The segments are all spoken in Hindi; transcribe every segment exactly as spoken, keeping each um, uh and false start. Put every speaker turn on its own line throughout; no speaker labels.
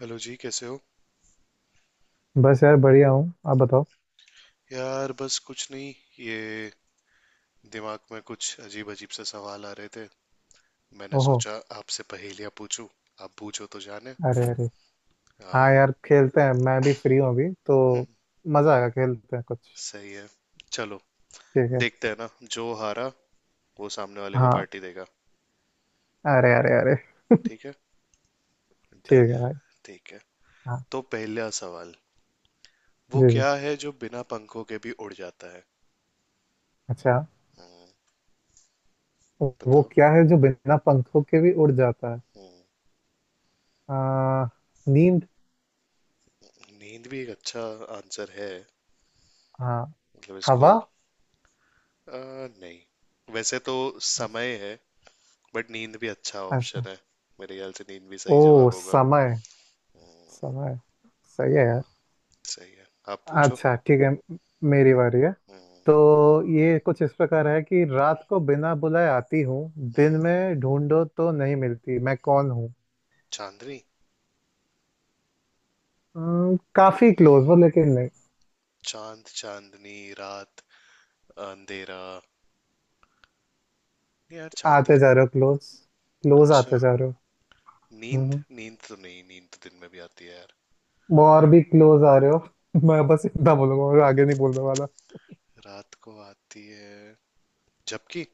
हेलो जी। कैसे हो?
बस यार, बढ़िया हूँ। आप बताओ।
यार बस कुछ नहीं। ये दिमाग में कुछ अजीब अजीब से सवाल आ रहे थे। मैंने
ओहो।
सोचा आपसे पहेलियां पूछूं। आप पूछो तो जाने।
अरे अरे। हाँ,
हाँ।
यार खेलते हैं, मैं भी फ्री हूँ अभी तो।
हम्म।
मजा आएगा, खेलते हैं कुछ।
सही है। चलो,
ठीक है।
देखते हैं ना। जो हारा वो सामने वाले को
हाँ।
पार्टी देगा।
अरे अरे अरे।
ठीक है। डन
ठीक
है।
है भाई।
ठीक है।
हाँ।
तो पहला सवाल, वो
जी जी।
क्या है जो बिना पंखों के भी उड़ जाता है?
अच्छा।
हम्म,
वो
बताओ।
क्या है जो बिना पंखों के भी उड़ जाता है?
हम्म,
आ, नींद।
नींद भी एक अच्छा आंसर है।
हाँ।
मतलब इसको
हवा।
आ, नहीं, वैसे तो समय है, बट नींद भी अच्छा
अच्छा।
ऑप्शन है। मेरे ख्याल से नींद भी सही
ओ
जवाब होगा।
समय।
हम्म।
समय। सही है यार।
सही है। आप पूछो।
अच्छा, ठीक है। म- मेरी बारी है।
हम्म।
तो ये कुछ इस प्रकार है कि रात को बिना बुलाए आती हूँ,
हम्म।
दिन में ढूंढो तो नहीं मिलती, मैं कौन हूँ?
चांदनी।
हम्म, काफी क्लोज हो, लेकिन नहीं।
चांद, चांदनी रात, अंधेरा। नहीं यार,
आते
चांदनी।
जा रहे हो क्लोज। क्लोज
अच्छा।
आते जा रहे हो।
नींद?
हम्म,
नींद तो नहीं, नींद तो दिन में भी आती है यार।
वो और भी क्लोज आ रहे हो। मैं बस इतना बोलूंगा और आगे नहीं बोलने वाला।
रात को आती है। झपकी।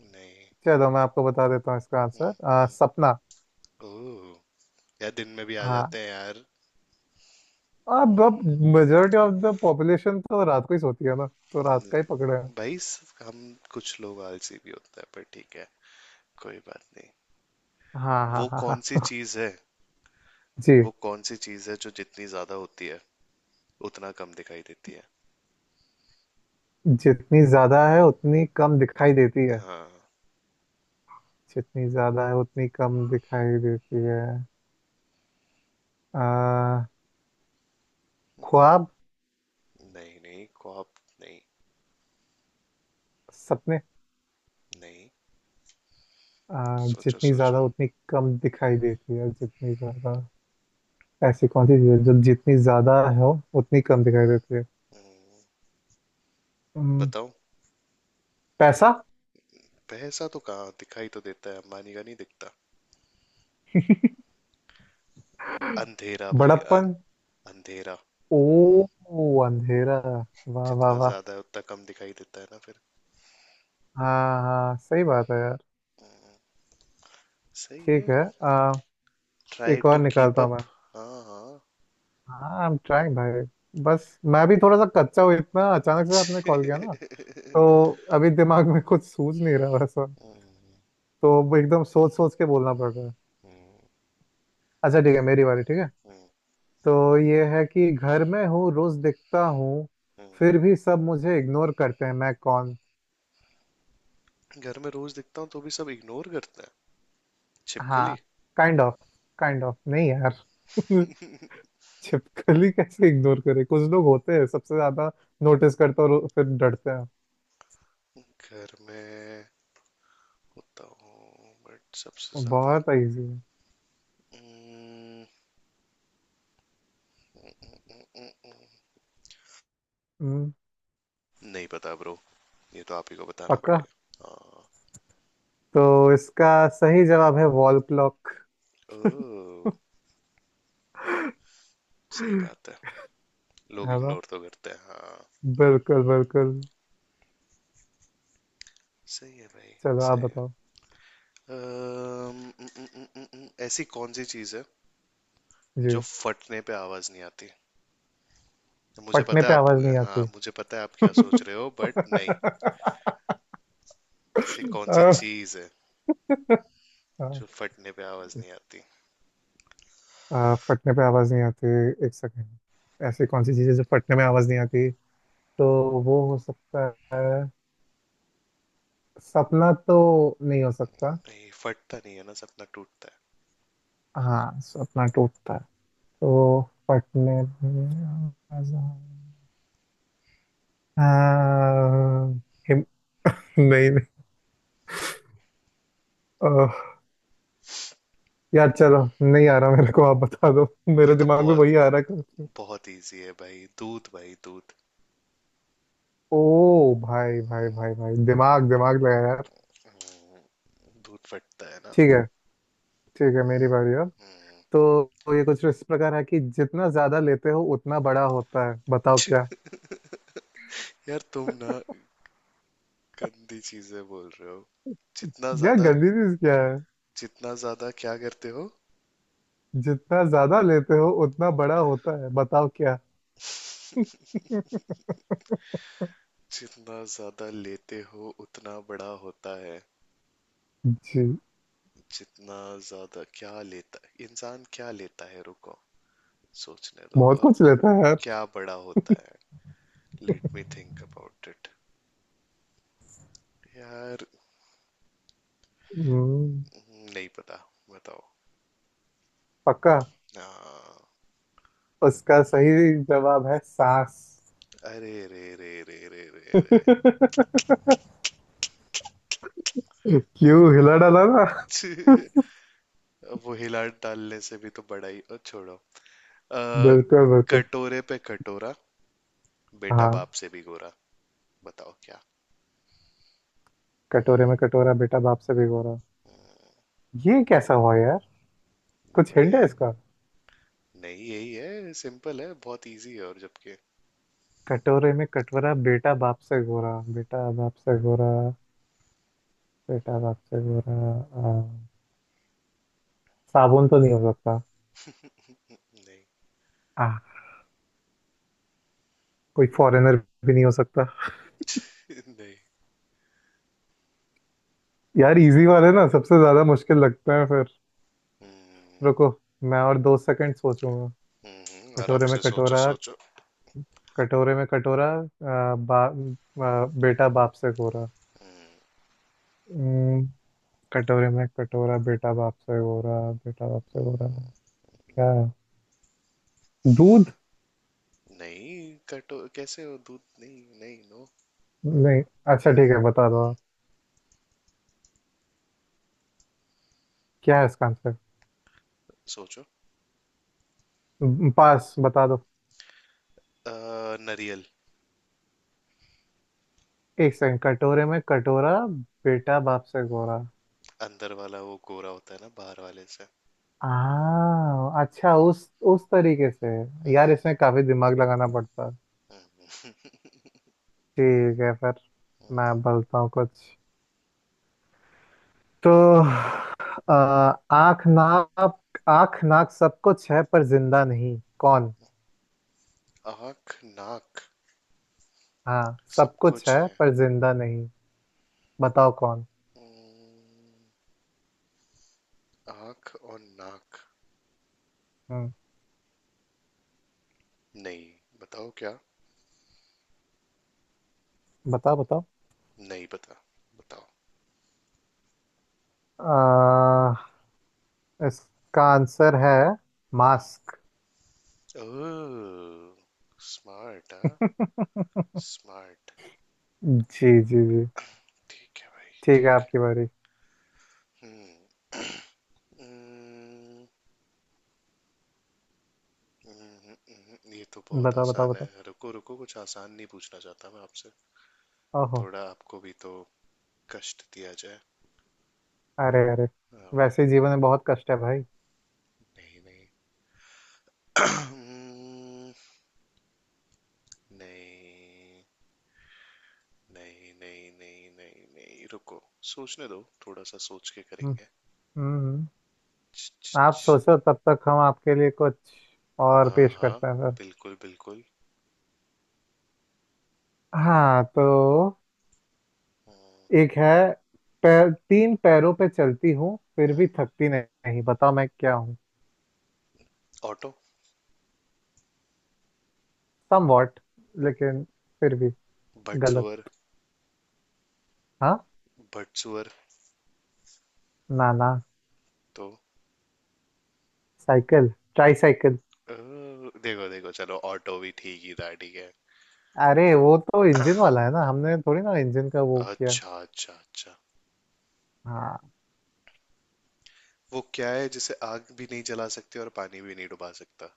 नहीं।
चलो, मैं आपको बता देता हूँ इसका
हम्म।
आंसर, आ,
हम्म।
सपना।
ओह। यार दिन में भी आ
हाँ।
जाते हैं यार।
अब अब मेजोरिटी ऑफ द पॉपुलेशन तो रात को ही सोती है ना, तो रात
हम्म।
का ही पकड़े हैं।
भाई स- हम, कुछ लोग आलसी भी होते हैं, पर ठीक है, कोई बात नहीं।
हाँ हाँ
वो
हाँ
कौन सी
हाँ।
चीज है?
जी।
वो कौन सी चीज है जो जितनी ज्यादा होती है, उतना कम दिखाई देती है?
जितनी ज्यादा है उतनी कम दिखाई देती है।
हाँ।
जितनी ज्यादा है उतनी कम दिखाई देती है। आ, ख्वाब।
नहीं नहीं, कॉप? नहीं।
सपने।
नहीं।
आ,
सोचो
जितनी
सोचो।
ज्यादा उतनी कम दिखाई देती है, जितनी ज्यादा। ऐसी कौन सी चीज है जो जितनी ज्यादा हो उतनी कम दिखाई देती है? हम्म,
बताओ।
पैसा।
पैसा तो कहाँ दिखाई तो देता है, अंबानी का नहीं दिखता। अंधेरा भाई। अं,
बड़प्पन।
अंधेरा।
ओ। अंधेरा। वाह वाह
जितना
वाह।
ज्यादा है उतना कम दिखाई देता है ना फिर।
हाँ हाँ, सही बात है यार।
सही
ठीक
है।
है। आ,
ट्राई
एक और
टू कीप
निकालता हूँ मैं।
अप। हाँ हाँ।
हाँ, आई एम ट्राइंग भाई। बस मैं भी थोड़ा सा कच्चा हूँ, इतना अचानक से आपने कॉल किया ना, तो अभी दिमाग में कुछ सूझ नहीं रहा वैसा।
हम्म।
तो अब एकदम सोच सोच के बोलना पड़ रहा है।
हम्म।
अच्छा ठीक है, मेरी बारी, ठीक है।
हम्म।
तो ये है कि घर में हूँ, रोज दिखता हूँ,
हम्म।
फिर भी सब मुझे इग्नोर करते हैं, मैं कौन?
घर में रोज दिखता हूँ, तो भी सब इग्नोर करते हैं?
हाँ।
छिपकली।
Kind of. काइंड ऑफ नहीं यार। छिपकली कैसे इग्नोर करे, कुछ लोग होते हैं सबसे ज्यादा नोटिस करते हैं और फिर डरते हैं।
घर में होता हूँ बट सबसे ज्यादा।
बहुत इजी है।
हम्म। हम्म।
हम्म।
नहीं पता ब्रो। ये तो आप ही को बताना
पक्का।
पड़ेगा। हाँ।
तो इसका सही जवाब है वॉल क्लॉक।
ओ, सही बात है। लोग
है ना?
इग्नोर तो करते हैं हाँ।
बिल्कुल बिल्कुल।
सही है भाई।
चलो आप
सही है।
बताओ।
अम्म, उम, उम, उम, उम, उम, ऐसी कौन सी चीज़ है जो
जी।
फटने पे आवाज नहीं आती? मुझे
फटने
पता है
पे आवाज
आप।
नहीं
हाँ
आती।
मुझे पता है आप क्या सोच रहे हो, बट नहीं। ऐसी कौन सी
अ,
चीज़ है
अ,
जो फटने पे आवाज नहीं आती?
अ, फटने पे आवाज नहीं आती, एक सेकेंड। ऐसी कौन सी चीज है जो फटने में आवाज नहीं आती? तो वो हो सकता है सपना तो, नहीं हो सकता।
नहीं, फटता नहीं है ना सपना, टूटता
हाँ सपना टूटता है। तो फटने में आवाज आ- हाँ, हिम- नहीं। नहीं यार, चलो नहीं आ रहा मेरे को, आप बता दो।
है। ये
मेरे
तो
दिमाग में
बहुत
वही आ रहा है कुछ।
बहुत इजी है भाई। दूध, भाई दूध।
ओ भाई भाई भाई भाई, दिमाग दिमाग लगा यार।
दूध फटता है
ठीक
ना।
है, ठीक है मेरी बारी अब।
हम्म।
तो तो ये कुछ इस प्रकार है कि जितना ज्यादा लेते हो उतना बड़ा होता है, बताओ
छी,
क्या।
यार तुम ना गंदी चीजें बोल रहे हो। जितना
क्या
ज्यादा,
गंदी चीज क्या है?
जितना ज्यादा क्या करते हो?
जितना ज्यादा लेते हो उतना बड़ा होता है, बताओ क्या।
जितना ज्यादा लेते हो उतना बड़ा होता है।
जी।
जितना ज्यादा क्या लेता? इंसान क्या लेता है, रुको, सोचने दो
बहुत
और।
कुछ लेता है यार।
क्या बड़ा होता है? Let me think about it यार।
हम्म,
हम्म। नहीं पता। बताओ।
पक्का।
हाँ।
उसका सही जवाब है सांस।
अरे रे रे रे रे रे रे
क्यों, हिला डाला ना?
छी, अब वो हिला डालने से भी तो बड़ा ही और, छोड़ो। अ,
बिल्कुल बिल्कुल।
कटोरे पे कटोरा, बेटा
हाँ।
बाप से भी गोरा। बताओ क्या।
कटोरे में कटोरा बेटा बाप से भिगोरा, ये कैसा हुआ यार? कुछ हिंट
बढ़िया
है
है।
इसका?
नहीं यही है, सिंपल है, बहुत इजी है, और जबकि
कटोरे में कटोरा, बेटा बाप से गोरा, बेटा बाप से गोरा। बेटा बाप से गोरा। आ, साबुन तो नहीं हो सकता।
नहीं
आ, कोई फॉरेनर भी नहीं हो सकता।
नहीं।
यार इजी वाले ना सबसे ज्यादा मुश्किल लगते हैं फिर।
हम्म।
रुको, मैं और दो सेकंड सोचूंगा।
हम्म। हम्म। आराम
कटोरे में
से सोचो
कटोरा।
सोचो।
कटोरे में कटोरा आ, बा, आ, बेटा बाप से गोरा।
हम्म।
कटोरे में कटोरा, बेटा बाप से गोरा, बेटा बाप से गोरा। क्या है? दूध।
नहीं। कटो कैसे हो? दूध? नहीं नहीं नो।
नहीं। अच्छा ठीक है, बता दो आप, क्या है इसका आंसर?
सोचो।
म, पास, बता दो।
अ, नरियल।
एक सेकंड। कटोरे में कटोरा, बेटा बाप से गोरा।
अंदर वाला वो गोरा होता है ना बाहर वाले से।
आ। अच्छा, उस उस तरीके से। यार इसमें काफी दिमाग लगाना पड़ता है।
हम्म।
ठीक है फिर, मैं बोलता हूँ कुछ। तो आ, आँख नाक। आँख नाक सब कुछ है, पर जिंदा नहीं, कौन?
आँख नाक
हाँ
सब
सब कुछ
कुछ
है,
है।
पर जिंदा नहीं, बताओ कौन।
हम्म। आँख और नाक?
हम्म।
नहीं। बताओ क्या।
बताओ बताओ।
नहीं पता। बताओ।
आ, इसका आंसर है
हम्म।
मास्क।
ओह। स्मार्ट हाँ। स्मार्ट।
जी जी जी।
ठीक है भाई
ठीक है
ठीक
आपकी बारी।
है। हम्म। हम्म। हम्म। हम्म, ये तो बहुत
बताओ बताओ
आसान
बताओ।
है, रुको रुको, कुछ आसान नहीं पूछना चाहता मैं आपसे।
ओहो।
थोड़ा आपको भी तो कष्ट दिया जाए।
अरे अरे। वैसे
हाँ।
ही जीवन में बहुत कष्ट है भाई।
नहीं नहीं। हम्म। नहीं नहीं नहीं नहीं नहीं नहीं, रुको, सोचने दो, थोड़ा सा सोच के
हम्म।
करेंगे।
हम्म हम्म।
छ, छ,
आप
छ।
सोचो, तब तक हम आपके लिए कुछ और
हाँ
पेश
हाँ,
करते हैं सर।
बिल्कुल बिल्कुल।
हाँ, तो
हम्म।
एक है, पैर, तीन पैरों पे चलती हूँ फिर भी
हम्म।
थकती नहीं, बताओ मैं क्या।
ऑटो।
समवॉट, लेकिन फिर भी गलत।
बटसुअर।
हाँ।
बटसुअर
ना ना।
तो।
साइकिल। Try cycle.
अ, देखो देखो, चलो ऑटो भी ठीक ही था, ठीक है।
अरे वो तो इंजन वाला है ना, हमने थोड़ी ना इंजन का वो किया।
अच्छा अच्छा अच्छा।
हाँ।
वो क्या है जिसे आग भी नहीं जला सकते और पानी भी नहीं डुबा सकता?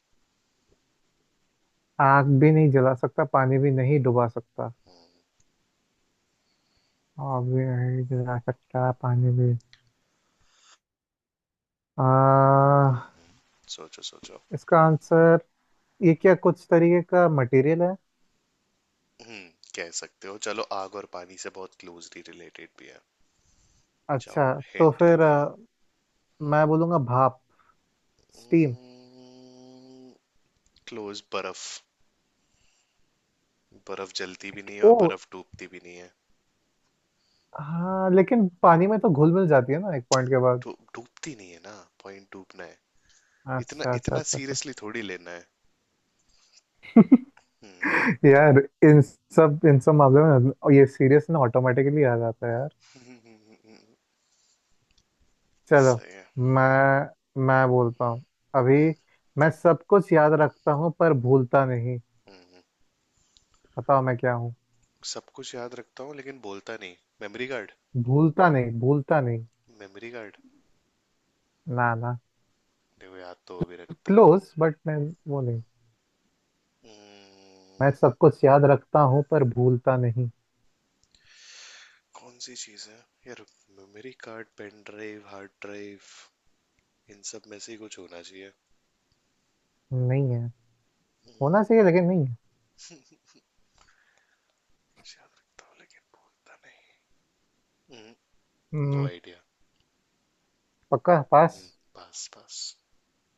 आग भी नहीं जला सकता, पानी भी नहीं डुबा सकता। आग भी नहीं जला सकता, पानी भी। आ,
सोचो सोचो।
इसका आंसर ये क्या कुछ तरीके का मटेरियल है?
हम्म, कह सकते हो। चलो, आग और पानी से बहुत क्लोजली रिलेटेड भी है, जाओ,
अच्छा। तो
हिंट भी
फिर
दिया।
आ, मैं बोलूंगा भाप, स्टीम।
क्लोज। बर्फ। बर्फ जलती भी नहीं है,
ओ।
और बर्फ डूबती भी नहीं है।
हाँ, लेकिन पानी में तो घुल मिल जाती है ना एक पॉइंट के बाद।
डू- डूबती नहीं है ना, पॉइंट डूबना है। इतना
अच्छा अच्छा
इतना
अच्छा अच्छा।
सीरियसली थोड़ी लेना है। हम्म।
यार इन सब इन सब मामलों में और ये सीरियस ना ऑटोमेटिकली आ जाता है यार। चलो,
सही है।
मैं मैं बोलता हूँ अभी। मैं सब कुछ याद रखता हूँ पर भूलता नहीं,
हम्म।
बताओ मैं क्या हूँ।
सब कुछ याद रखता हूँ लेकिन बोलता नहीं। Memory card.
भूलता नहीं, भूलता नहीं।
Memory card?
ना ना।
देखो, याद तो वो भी रखता है।
क्लोज बट मैं, वो नहीं। मैं
हम्म।
सब कुछ याद रखता हूँ पर भूलता नहीं।
कौन सी चीज है यार? Memory card, pen drive, hard drive, इन सब में से ही कुछ होना चाहिए।
नहीं है। होना
हम्म।
चाहिए लेकिन नहीं है।
याद रखता हूँ लेकिन बोलता नहीं। नो
हम्म,
आइडिया।
पक्का, पास।
पास पास।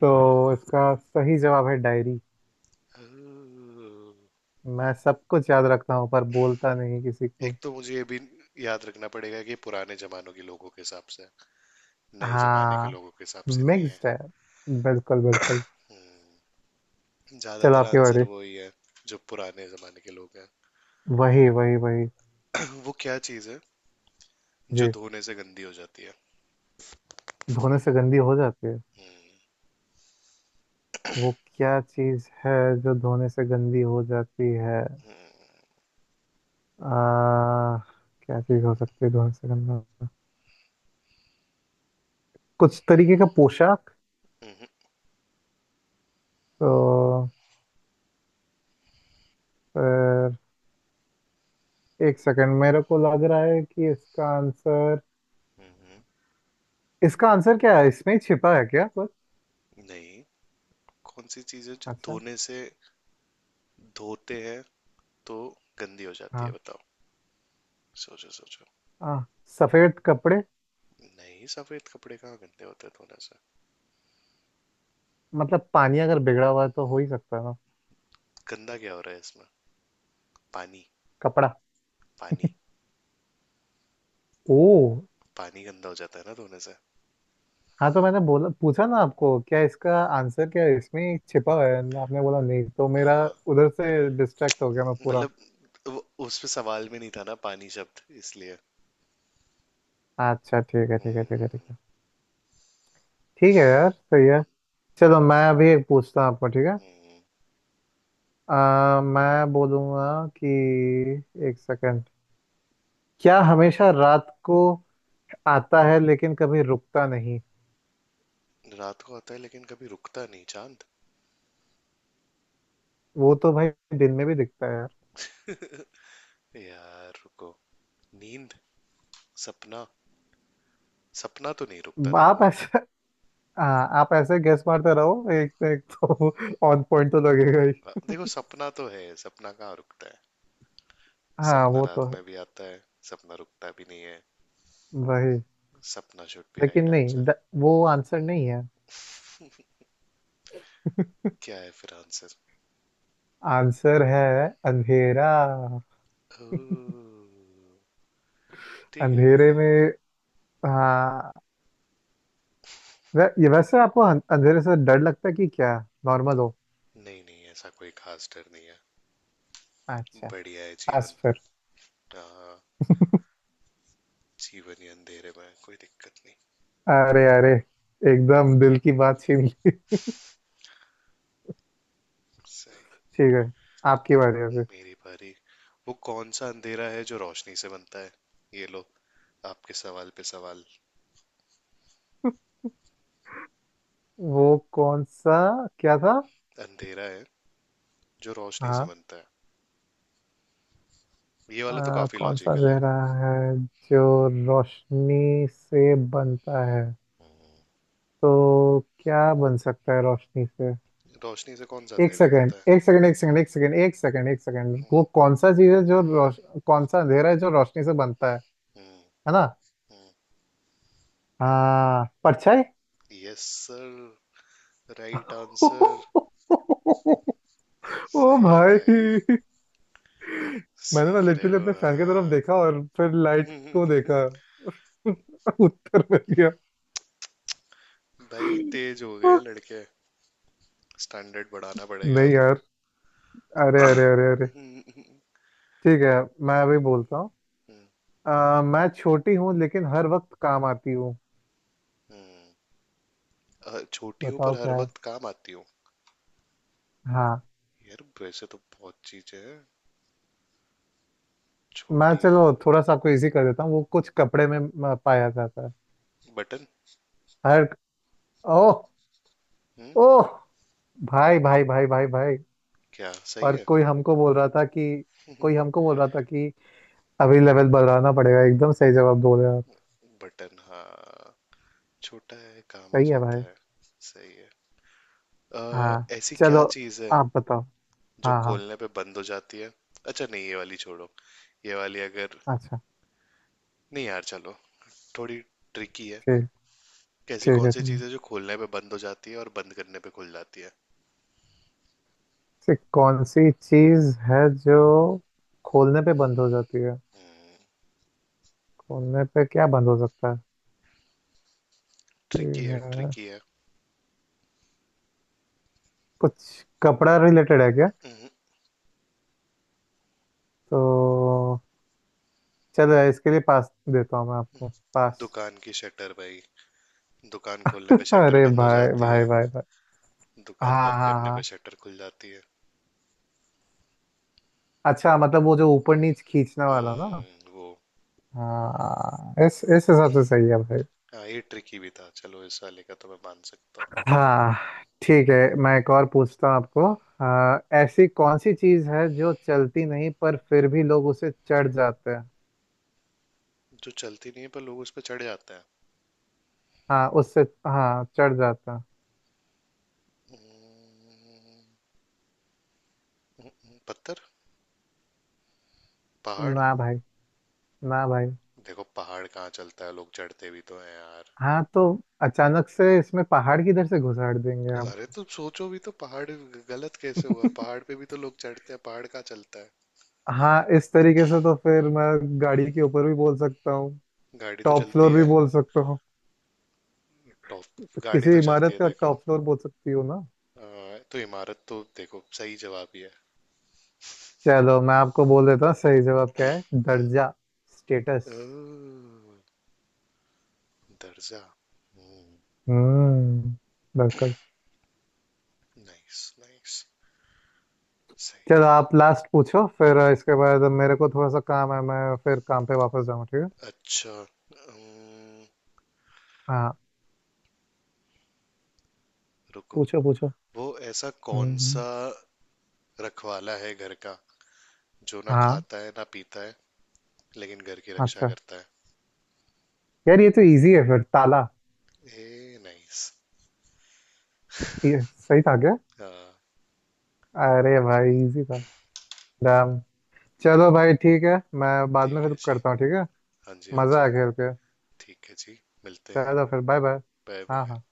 तो इसका सही जवाब है डायरी। मैं सब कुछ याद रखता हूँ पर बोलता नहीं किसी को।
एक तो मुझे ये भी याद रखना पड़ेगा कि पुराने जमानों के लोगों के हिसाब से, नए जमाने के
हाँ
लोगों के हिसाब से नहीं है।
मिक्स्ड है, बिल्कुल बिल्कुल।
हम्म।
चलो
ज़्यादातर
आपकी
आंसर
बारी।
वही है जो पुराने ज़माने के लोग हैं।
वही वही वही।
वो क्या चीज़ है जो
जी।
धोने से गंदी हो जाती है?
धोने से गंदी हो जाती है। वो क्या चीज है जो धोने से गंदी हो जाती है? आ, क्या चीज हो सकती है धोने से गंदा? कुछ तरीके का पोशाक?
हम्म।
तो फिर एक सेकंड, मेरे को लग रहा है कि इसका आंसर,
हम्म।
इसका आंसर क्या है इसमें ही छिपा है क्या कुछ?
नहीं। कौन सी चीज़ है जो
अच्छा।
धोने से, धोते हैं तो गंदी हो जाती
हाँ
है, बताओ? सोचो सोचो।
हाँ। सफेद कपड़े।
नहीं, सफेद कपड़े कहाँ गंदे होते हैं धोने से?
मतलब पानी अगर बिगड़ा हुआ है तो हो ही सकता है।
गंदा क्या हो रहा है इसमें? पानी।
कपड़ा।
पानी।
ओ।
पानी गंदा हो जाता है ना धोने से।
हाँ तो मैंने बोला, पूछा ना आपको, क्या इसका आंसर क्या है? इसमें ही छिपा हुआ है। आपने बोला नहीं, तो मेरा
हाँ।
उधर से डिस्ट्रैक्ट हो गया मैं पूरा।
मतलब वो उस पे सवाल में नहीं था ना पानी शब्द, इसलिए।
अच्छा ठीक है ठीक है ठीक है ठीक
हम्म।
है। ठीक है यार, सही है। चलो, मैं अभी एक पूछता हूँ आपको, ठीक है?
हम्म।
आ, मैं बोलूँगा कि, एक सेकंड, क्या हमेशा रात को आता है लेकिन कभी रुकता नहीं।
रात को आता है लेकिन कभी रुकता नहीं, चांद?
वो तो भाई दिन में भी दिखता है यार।
यार रुको। नींद। सपना। सपना तो नहीं रुकता
आप
देखो।
ऐसे, हाँ आप ऐसे गेस मारते रहो एक एक, तो ऑन पॉइंट तो लगेगा।
अ, देखो सपना तो है, सपना कहाँ रुकता है?
हाँ
सपना
वो
रात
तो है।
में भी आता है। सपना रुकता भी नहीं है।
वही।
सपना शुड बी
लेकिन
राइट
नहीं,
आंसर।
द, वो आंसर नहीं है।
क्या है फिर आंसर?
आंसर है अंधेरा।
ठीक है
अंधेरे
भाई।
में। हाँ। वै, ये वैसे आपको अं- अंधेरे से डर लगता है कि क्या, नॉर्मल हो?
नहीं नहीं, ऐसा कोई खास डर नहीं है।
अच्छा।
बढ़िया है जीवन।
बस फिर।
हाँ। जीवन ही अंधेरे में है, कोई दिक्कत नहीं।
अरे अरे, एकदम दिल की बात छीन ली।
सही।
ठीक है। आपकी बारी है फिर।
मेरी बारी। वो कौन सा अंधेरा है जो रोशनी से बनता है? ये लो, आपके सवाल पे सवाल।
वो कौन सा, क्या था?
अंधेरा है जो रोशनी से
हाँ।
बनता है। ये वाला तो
आ,
काफी
कौन सा
लॉजिकल है।
अंधेरा है जो रोशनी से बनता है? तो क्या बन सकता है रोशनी से?
रोशनी से कौन सा
एक
अंधेरा
सेकंड
बनता
एक
है?
सेकंड एक सेकंड एक सेकंड एक सेकंड एक सेकंड, वो कौन सा चीज है जो रोश कौन सा अंधेरा है जो रोशनी से बनता है है ना? हाँ, परछाई।
Yes sir, right answer.
ओ
सही है भाई।
भाई। मैंने ना
सीख रहे
लिटरली अपने फैन की तरफ
हो
देखा और फिर लाइट को
हाँ।
देखा। उत्तर मिल गया।
भाई, तेज हो गए लड़के। स्टैंडर्ड बढ़ाना पड़ेगा अब।
नहीं यार। अरे अरे अरे अरे। ठीक है, मैं अभी बोलता हूँ। अ, मैं छोटी हूँ लेकिन हर वक्त काम आती हूँ,
अ, छोटी हूँ पर
बताओ
हर
क्या।
वक्त काम आती हूँ।
हाँ।
यार वैसे तो बहुत चीजें हैं
मैं
छोटी।
चलो थोड़ा सा आपको इजी कर देता हूँ, वो कुछ कपड़े में म, पाया जाता है।
बटन।
हर। ओ।
हम्म।
ओ भाई भाई भाई भाई भाई,
क्या सही
और
है?
कोई हमको बोल रहा था कि, कोई हमको बोल रहा था कि अभी लेवल बढ़ाना पड़ेगा, एकदम सही जवाब बोल रहे हो आप।
बटन हाँ, छोटा है, काम आ
सही है भाई।
जाता है। सही है। अ,
हाँ।
ऐसी क्या
चलो
चीज है
आप बताओ।
जो
हाँ हाँ।
खोलने पे बंद हो जाती है? अच्छा नहीं, ये वाली छोड़ो। ये वाली अगर,
अच्छा।
नहीं यार चलो, थोड़ी ट्रिकी है।
ठीक,
कैसी
ठीक
कौन
है,
सी
ठीक है।
चीज है जो खोलने पे बंद हो जाती है और बंद करने पे खुल जाती है?
से कौन सी चीज है जो खोलने पे बंद हो जाती है? खोलने पे क्या बंद हो सकता है? ये
ट्रिकी है,
है-
ट्रिकी है।
कुछ कपड़ा रिलेटेड है क्या?
हम्म।
तो चलो इसके लिए पास देता हूँ मैं आपको, पास।
दुकान की शटर भाई। दुकान खोलने पे शटर
अरे
बंद हो
भाई
जाती
भाई
है।
भाई भाई।
दुकान
हाँ
बंद
हाँ
करने पे
हाँ।
शटर खुल जाती है।
अच्छा मतलब वो जो ऊपर नीच खींचने वाला ना।
हम्म वो।
हाँ, इस इस हिसाब से सही है भाई।
हाँ, ये ट्रिकी भी था, चलो इस वाले का तो मैं मान सकता हूँ।
हाँ। ठीक है, मैं एक और पूछता हूँ आपको। हाँ, ऐसी कौन सी चीज़ है जो चलती नहीं पर फिर भी लोग उसे चढ़ जाते हैं?
जो चलती नहीं है पर लोग उस पर चढ़ जाते हैं?
हाँ उससे, हाँ चढ़ जाते हैं।
पत्थर। पहाड़।
ना भाई, ना भाई।
देखो पहाड़ कहाँ चलता है, लोग चढ़ते भी तो हैं यार।
हाँ तो अचानक से इसमें पहाड़ किधर से घुसाड़ देंगे।
अरे तुम सोचो भी तो पहाड़ गलत कैसे हुआ? पहाड़ पे भी तो लोग चढ़ते हैं, पहाड़ कहाँ चलता है?
हाँ इस तरीके से तो फिर मैं गाड़ी के ऊपर भी बोल सकता हूँ,
गाड़ी तो
टॉप
चलती
फ्लोर भी
है।
बोल सकता हूँ,
टॉप। गाड़ी
किसी
तो चलती
इमारत
है
का
देखो।
टॉप फ्लोर बोल सकती हूँ ना।
अ, तो इमारत तो देखो सही जवाब ही है।
चलो, मैं आपको बोल देता हूँ सही जवाब क्या है,
हम्म।
दर्जा,
ओ,
स्टेटस।
दर्जा।
हम्म। बिल्कुल।
Nice nice. सही
चलो आप लास्ट पूछो, फिर इसके बाद मेरे को थोड़ा सा काम है, मैं फिर काम पे वापस जाऊँ, ठीक है?
है। अच्छा। अम्म,
हाँ।
रुको।
पूछो पूछो।
वो ऐसा कौन
हम्म।
सा रखवाला है घर का, जो ना
हाँ।
खाता है ना पीता है, लेकिन घर की रक्षा
अच्छा
करता
यार, ये तो इजी है फिर, ताला।
है? ए नाइस।
ये सही था क्या?
हाँ।
अरे भाई, इजी था। चलो भाई ठीक है, मैं बाद में
ठीक है
फिर
जी।
करता हूँ, ठीक है?
हाँ जी, हाँ
मज़ा
जी।
आया खेल के।
ठीक है जी। मिलते हैं।
चलो फिर, बाय बाय।
बाय
हाँ
बाय।
हाँ।